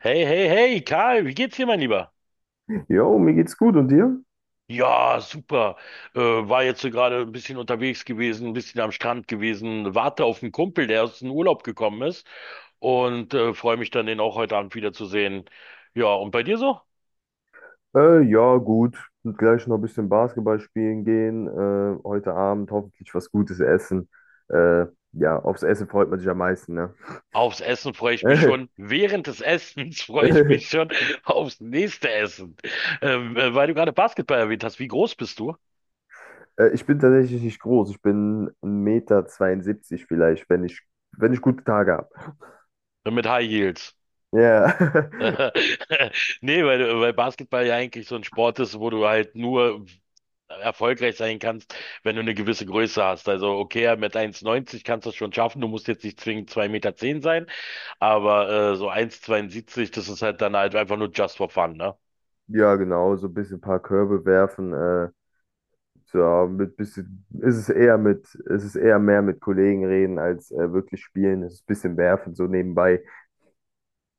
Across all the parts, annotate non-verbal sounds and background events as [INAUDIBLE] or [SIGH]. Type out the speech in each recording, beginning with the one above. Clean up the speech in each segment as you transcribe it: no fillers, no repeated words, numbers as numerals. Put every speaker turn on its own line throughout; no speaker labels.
Hey, hey, hey, Karl, wie geht's dir, mein Lieber?
Jo, mir geht's gut und dir?
Ja, super. War jetzt so gerade ein bisschen unterwegs gewesen, ein bisschen am Strand gewesen, warte auf einen Kumpel, der aus dem Urlaub gekommen ist und freue mich dann, den auch heute Abend wiederzusehen. Ja, und bei dir so?
Ja, gut. Und gleich noch ein bisschen Basketball spielen gehen. Heute Abend hoffentlich was Gutes essen. Äh, ja, aufs Essen freut man sich am meisten, ne?
Aufs Essen freue ich mich schon.
[LAUGHS]
Während des Essens [LAUGHS] freue ich mich schon aufs nächste Essen. Weil du gerade Basketball erwähnt hast, wie groß bist du?
Ich bin tatsächlich nicht groß. Ich bin 1,72 Meter zweiundsiebzig vielleicht, wenn ich gute Tage habe.
Mit High Heels.
Ja, [LAUGHS]
[LAUGHS] Nee, weil Basketball ja eigentlich so ein Sport ist, wo du halt nur erfolgreich sein kannst, wenn du eine gewisse Größe hast. Also okay, mit 1,90 kannst du es schon schaffen, du musst jetzt nicht zwingend 2,10 Meter zehn sein, aber so 1,72, das ist halt dann halt einfach nur just for fun, ne?
ja, genau. So ein bisschen ein paar Körbe werfen. Ja, mit bisschen ist es eher mit, ist es ist eher mehr mit Kollegen reden als wirklich spielen. Es ist ein bisschen werfen so nebenbei.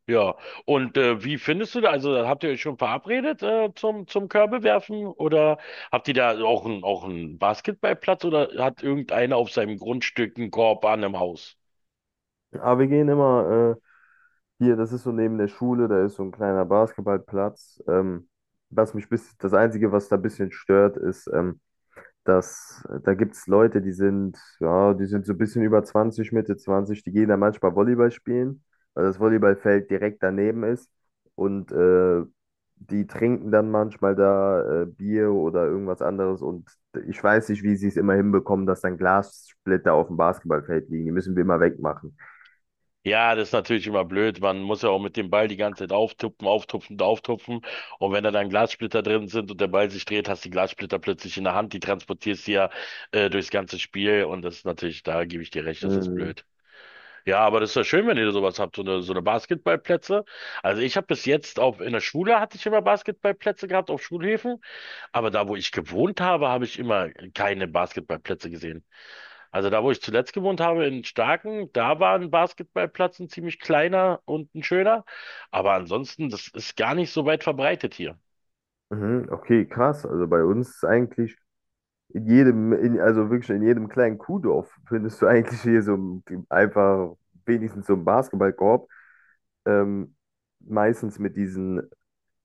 Ja. Und wie findest du da, also habt ihr euch schon verabredet zum Körbewerfen oder habt ihr da auch einen Basketballplatz oder hat irgendeiner auf seinem Grundstück einen Korb an im Haus?
Aber wir gehen immer hier, das ist so neben der Schule, da ist so ein kleiner Basketballplatz. Das Einzige, was da ein bisschen stört, ist, dass da gibt es Leute, ja, die sind so ein bisschen über zwanzig, Mitte 20. Die gehen da manchmal Volleyball spielen, weil das Volleyballfeld direkt daneben ist. Und die trinken dann manchmal da Bier oder irgendwas anderes. Und ich weiß nicht, wie sie es immer hinbekommen, dass dann Glassplitter auf dem Basketballfeld liegen. Die müssen wir immer wegmachen.
Ja, das ist natürlich immer blöd. Man muss ja auch mit dem Ball die ganze Zeit auftupfen, auftupfen und auftupfen. Und wenn da dann Glassplitter drin sind und der Ball sich dreht, hast du die Glassplitter plötzlich in der Hand. Die transportierst du ja durchs ganze Spiel. Und das ist natürlich, da gebe ich dir recht, das ist
Mhm.
blöd. Ja, aber das ist ja schön, wenn ihr sowas habt, so eine Basketballplätze. Also ich habe bis jetzt auch in der Schule hatte ich immer Basketballplätze gehabt auf Schulhöfen. Aber da, wo ich gewohnt habe, habe ich immer keine Basketballplätze gesehen. Also da, wo ich zuletzt gewohnt habe, in Starken, da war ein Basketballplatz ein ziemlich kleiner und ein schöner. Aber ansonsten, das ist gar nicht so weit verbreitet hier.
Mhm, okay, krass. Also bei uns ist eigentlich also wirklich in jedem kleinen Kuhdorf [LAUGHS] findest du eigentlich hier so einfach wenigstens so einen Basketballkorb. Ähm, Meistens mit diesen,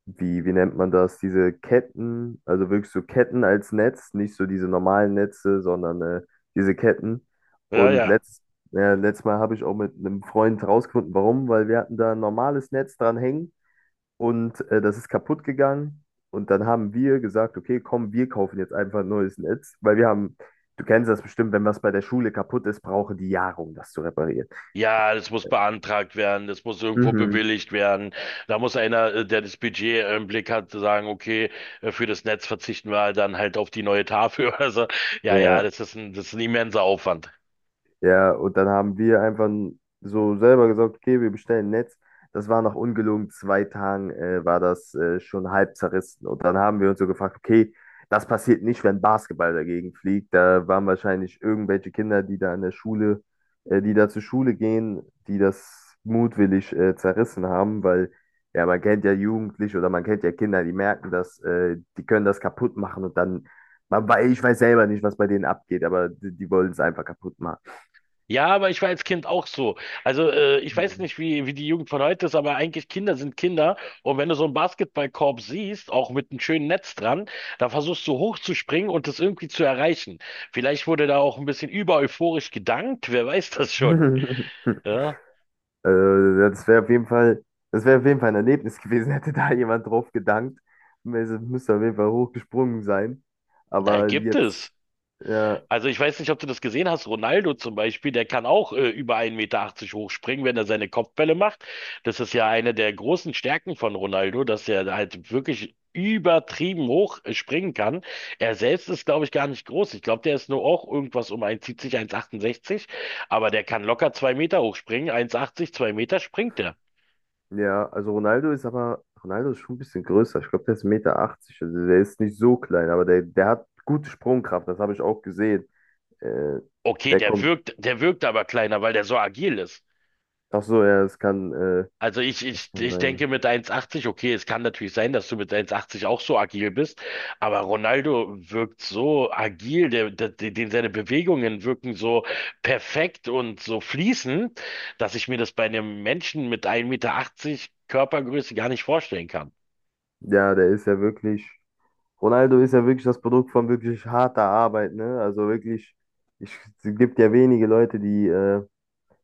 wie nennt man das, diese Ketten, also wirklich so Ketten als Netz, nicht so diese normalen Netze, sondern diese Ketten.
Ja,
Und
ja.
ja, letztes Mal habe ich auch mit einem Freund rausgefunden, warum, weil wir hatten da ein normales Netz dran hängen. Und das ist kaputt gegangen. Und dann haben wir gesagt, okay, komm, wir kaufen jetzt einfach ein neues Netz, weil wir haben, du kennst das bestimmt, wenn was bei der Schule kaputt ist, brauchen die Jahre, um das zu reparieren.
Ja, das muss beantragt werden, das muss irgendwo
Mhm.
bewilligt werden. Da muss einer, der das Budget im Blick hat, sagen, okay, für das Netz verzichten wir halt dann halt auf die neue Tafel. [LAUGHS] Also, ja, ja,
Ja.
das ist ein immenser Aufwand.
Ja, und dann haben wir einfach so selber gesagt, okay, wir bestellen Netz. Das war nach ungelogen 2 Tagen war das schon halb zerrissen. Und dann haben wir uns so gefragt, okay, das passiert nicht, wenn Basketball dagegen fliegt. Da waren wahrscheinlich irgendwelche Kinder, die da zur Schule gehen, die das mutwillig zerrissen haben, weil ja, man kennt ja Jugendliche oder man kennt ja Kinder, die merken das, die können das kaputt machen. Und dann, ich weiß selber nicht, was bei denen abgeht, aber die wollen es einfach kaputt machen.
Ja, aber ich war als Kind auch so. Also ich weiß
Mhm.
nicht, wie die Jugend von heute ist, aber eigentlich Kinder sind Kinder. Und wenn du so einen Basketballkorb siehst, auch mit einem schönen Netz dran, dann versuchst du hochzuspringen und das irgendwie zu erreichen. Vielleicht wurde da auch ein bisschen über euphorisch gedankt, wer weiß das schon.
[LAUGHS]
Ja,
Äh, ja, das wäre auf jeden Fall ein Erlebnis gewesen, [LAUGHS] hätte da jemand drauf gedankt. Es müsste auf jeden Fall hochgesprungen sein.
da
Aber
gibt
jetzt,
es.
ja,
Also ich weiß nicht, ob du das gesehen hast. Ronaldo zum Beispiel, der kann auch über 1,80 Meter achtzig hochspringen, wenn er seine Kopfbälle macht. Das ist ja eine der großen Stärken von Ronaldo, dass er halt wirklich übertrieben hoch springen kann. Er selbst ist, glaube ich, gar nicht groß. Ich glaube, der ist nur auch irgendwas um 1,70, 1,68. Aber der kann locker zwei Meter hochspringen. 1,80, zwei Meter springt er.
ja, also Ronaldo ist schon ein bisschen größer. Ich glaube, der ist 1,80 Meter. Also der ist nicht so klein, aber der hat gute Sprungkraft, das habe ich auch gesehen. Äh,
Okay,
der
der
kommt,
wirkt, der wirkt aber kleiner, weil der so agil ist.
Ach so, ja,
Also ich, ich,
was kann
ich denke
sein?
mit 1,80, okay, es kann natürlich sein, dass du mit 1,80 auch so agil bist, aber Ronaldo wirkt so agil, den seine Bewegungen wirken so perfekt und so fließend, dass ich mir das bei einem Menschen mit 1,80 Meter Körpergröße gar nicht vorstellen kann.
Ja, der ist ja wirklich. Ronaldo ist ja wirklich das Produkt von wirklich harter Arbeit, ne? Also wirklich, ich, es gibt ja wenige Leute, die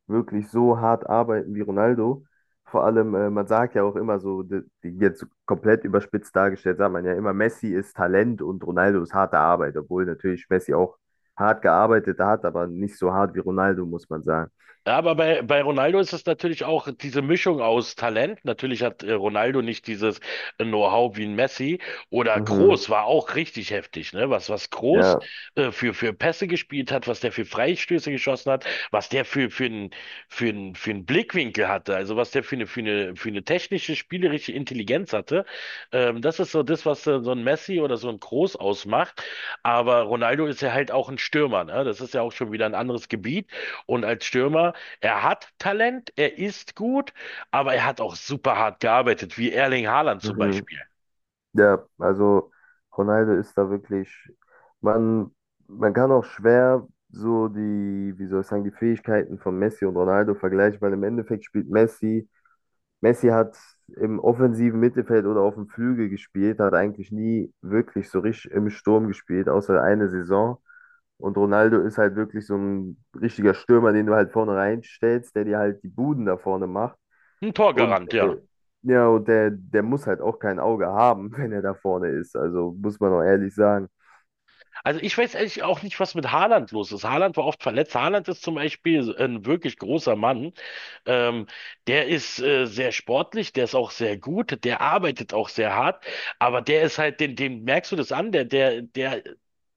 wirklich so hart arbeiten wie Ronaldo. Vor allem, man sagt ja auch immer so, die, die jetzt komplett überspitzt dargestellt, sagt man ja immer, Messi ist Talent und Ronaldo ist harte Arbeit, obwohl natürlich Messi auch hart gearbeitet hat, aber nicht so hart wie Ronaldo, muss man sagen.
Ja, aber bei Ronaldo ist es natürlich auch diese Mischung aus Talent. Natürlich hat Ronaldo nicht dieses Know-how wie ein Messi. Oder
Mhm.
Kroos war auch richtig heftig, ne? Was Kroos
Ja.
für Pässe gespielt hat, was der für Freistöße geschossen hat, was der für einen Blickwinkel hatte, also was der für eine technische, spielerische Intelligenz hatte. Das ist so das, was so ein Messi oder so ein Kroos ausmacht. Aber Ronaldo ist ja halt auch ein Stürmer, ne? Das ist ja auch schon wieder ein anderes Gebiet. Und als Stürmer er hat Talent, er ist gut, aber er hat auch super hart gearbeitet, wie Erling Haaland zum
Mhm.
Beispiel.
Ja, also Ronaldo ist da wirklich, man, man kann auch schwer so die, wie soll ich sagen, die Fähigkeiten von Messi und Ronaldo vergleichen, weil im Endeffekt spielt Messi hat im offensiven Mittelfeld oder auf dem Flügel gespielt, hat eigentlich nie wirklich so richtig im Sturm gespielt, außer eine Saison. Und Ronaldo ist halt wirklich so ein richtiger Stürmer, den du halt vorne reinstellst, der dir halt die Buden da vorne macht.
Ein
Und
Torgarant,
äh,
ja.
ja, und der muss halt auch kein Auge haben, [LAUGHS] wenn er da vorne ist. Also muss man auch ehrlich sagen.
Also ich weiß ehrlich auch nicht, was mit Haaland los ist. Haaland war oft verletzt. Haaland ist zum Beispiel ein wirklich großer Mann. Ähm, Der ist sehr sportlich, der ist auch sehr gut, der arbeitet auch sehr hart, aber der ist halt, den, dem merkst du das an, der, der, der,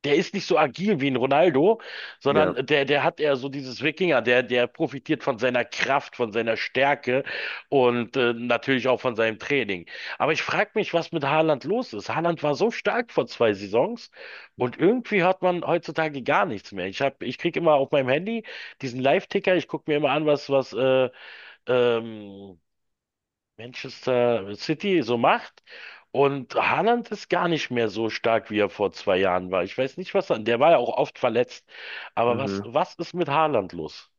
der ist nicht so agil wie ein Ronaldo,
Ja.
sondern der hat eher so dieses Wikinger, der profitiert von seiner Kraft, von seiner Stärke und natürlich auch von seinem Training. Aber ich frage mich, was mit Haaland los ist. Haaland war so stark vor zwei Saisons und irgendwie hört man heutzutage gar nichts mehr. Ich krieg immer auf meinem Handy diesen Live-Ticker, ich gucke mir immer an, was ähm, Manchester City so macht. Und Haaland ist gar nicht mehr so stark, wie er vor zwei Jahren war. Ich weiß nicht, was er, der war ja auch oft verletzt. Aber was,
Mhm.
was ist mit Haaland los?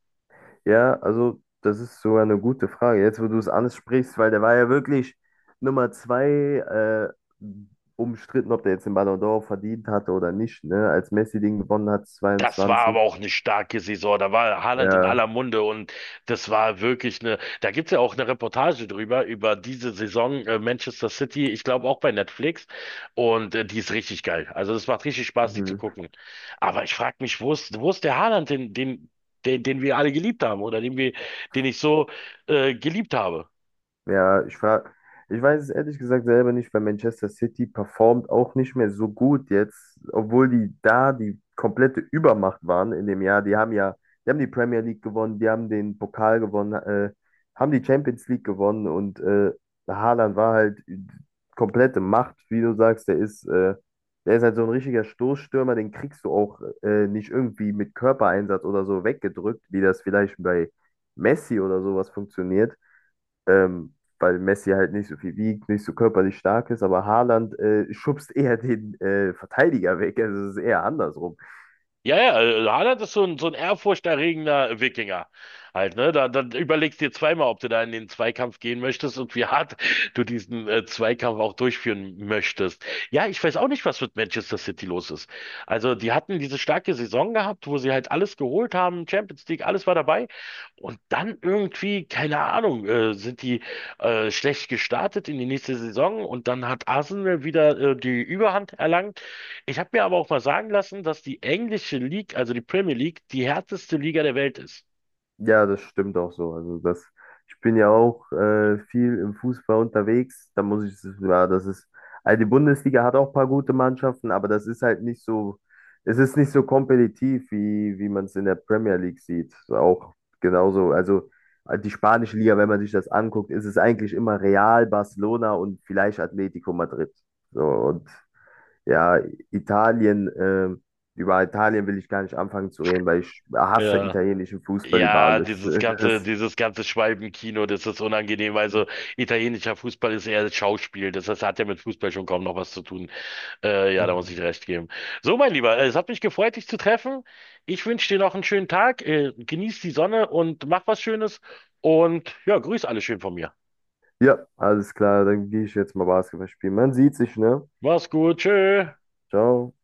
Ja, also das ist sogar eine gute Frage. Jetzt, wo du es ansprichst, weil der war ja wirklich Nummer zwei, umstritten, ob der jetzt den Ballon d'Or verdient hatte oder nicht, ne? Als Messi den gewonnen hat,
Das war aber
22.
auch eine starke Saison. Da war Haaland in
Ja.
aller Munde und das war wirklich eine. Da gibt's ja auch eine Reportage drüber, über diese Saison Manchester City, ich glaube auch bei Netflix. Und die ist richtig geil. Also das macht richtig Spaß, die zu
Mhm.
gucken. Aber ich frage mich, wo ist der Haaland, den wir alle geliebt haben oder den ich so geliebt habe?
Ja, ich weiß es ehrlich gesagt selber nicht, weil Manchester City performt auch nicht mehr so gut jetzt, obwohl die da die komplette Übermacht waren in dem Jahr. Die haben die Premier League gewonnen, die haben den Pokal gewonnen, haben die Champions League gewonnen, und Haaland war halt komplette Macht, wie du sagst. Der ist halt so ein richtiger Stoßstürmer, den kriegst du auch nicht irgendwie mit Körpereinsatz oder so weggedrückt, wie das vielleicht bei Messi oder sowas funktioniert, ähm, weil Messi halt nicht so viel wiegt, nicht so körperlich stark ist, aber Haaland schubst eher den Verteidiger weg. Also es ist eher andersrum.
Ja, ja, Haaland ist so ein ehrfurchterregender Wikinger. Halt, ne? Da überlegst dir zweimal, ob du da in den Zweikampf gehen möchtest und wie hart du diesen Zweikampf auch durchführen möchtest. Ja, ich weiß auch nicht, was mit Manchester City los ist. Also, die hatten diese starke Saison gehabt, wo sie halt alles geholt haben, Champions League, alles war dabei. Und dann irgendwie, keine Ahnung, sind die schlecht gestartet in die nächste Saison und dann hat Arsenal wieder die Überhand erlangt. Ich habe mir aber auch mal sagen lassen, dass die englische League, also die Premier League, die härteste Liga der Welt ist.
Ja, das stimmt auch so. Ich bin ja auch viel im Fußball unterwegs. Ja, also die Bundesliga hat auch ein paar gute Mannschaften, aber das ist halt nicht so, es ist nicht so kompetitiv, wie man es in der Premier League sieht. So auch genauso, also die spanische Liga, wenn man sich das anguckt, ist es eigentlich immer Real, Barcelona und vielleicht Atletico Madrid. So, und ja, Italien, äh, über Italien will ich gar nicht anfangen zu reden, weil ich hasse
Ja.
italienischen Fußball über
Ja,
alles.
dieses
[LAUGHS]
ganze,
Das,
dieses ganze Schwalbenkino, das ist unangenehm. Also italienischer Fußball ist eher Schauspiel. Das heißt, hat ja mit Fußball schon kaum noch was zu tun. Ja, da muss ich
Mhm.
dir recht geben. So, mein Lieber, es hat mich gefreut, dich zu treffen. Ich wünsche dir noch einen schönen Tag. Genieß die Sonne und mach was Schönes. Und ja, grüß alle schön von mir.
Ja, alles klar, dann gehe ich jetzt mal Basketball spielen. Man sieht sich, ne?
Mach's gut. Tschö.
Ciao.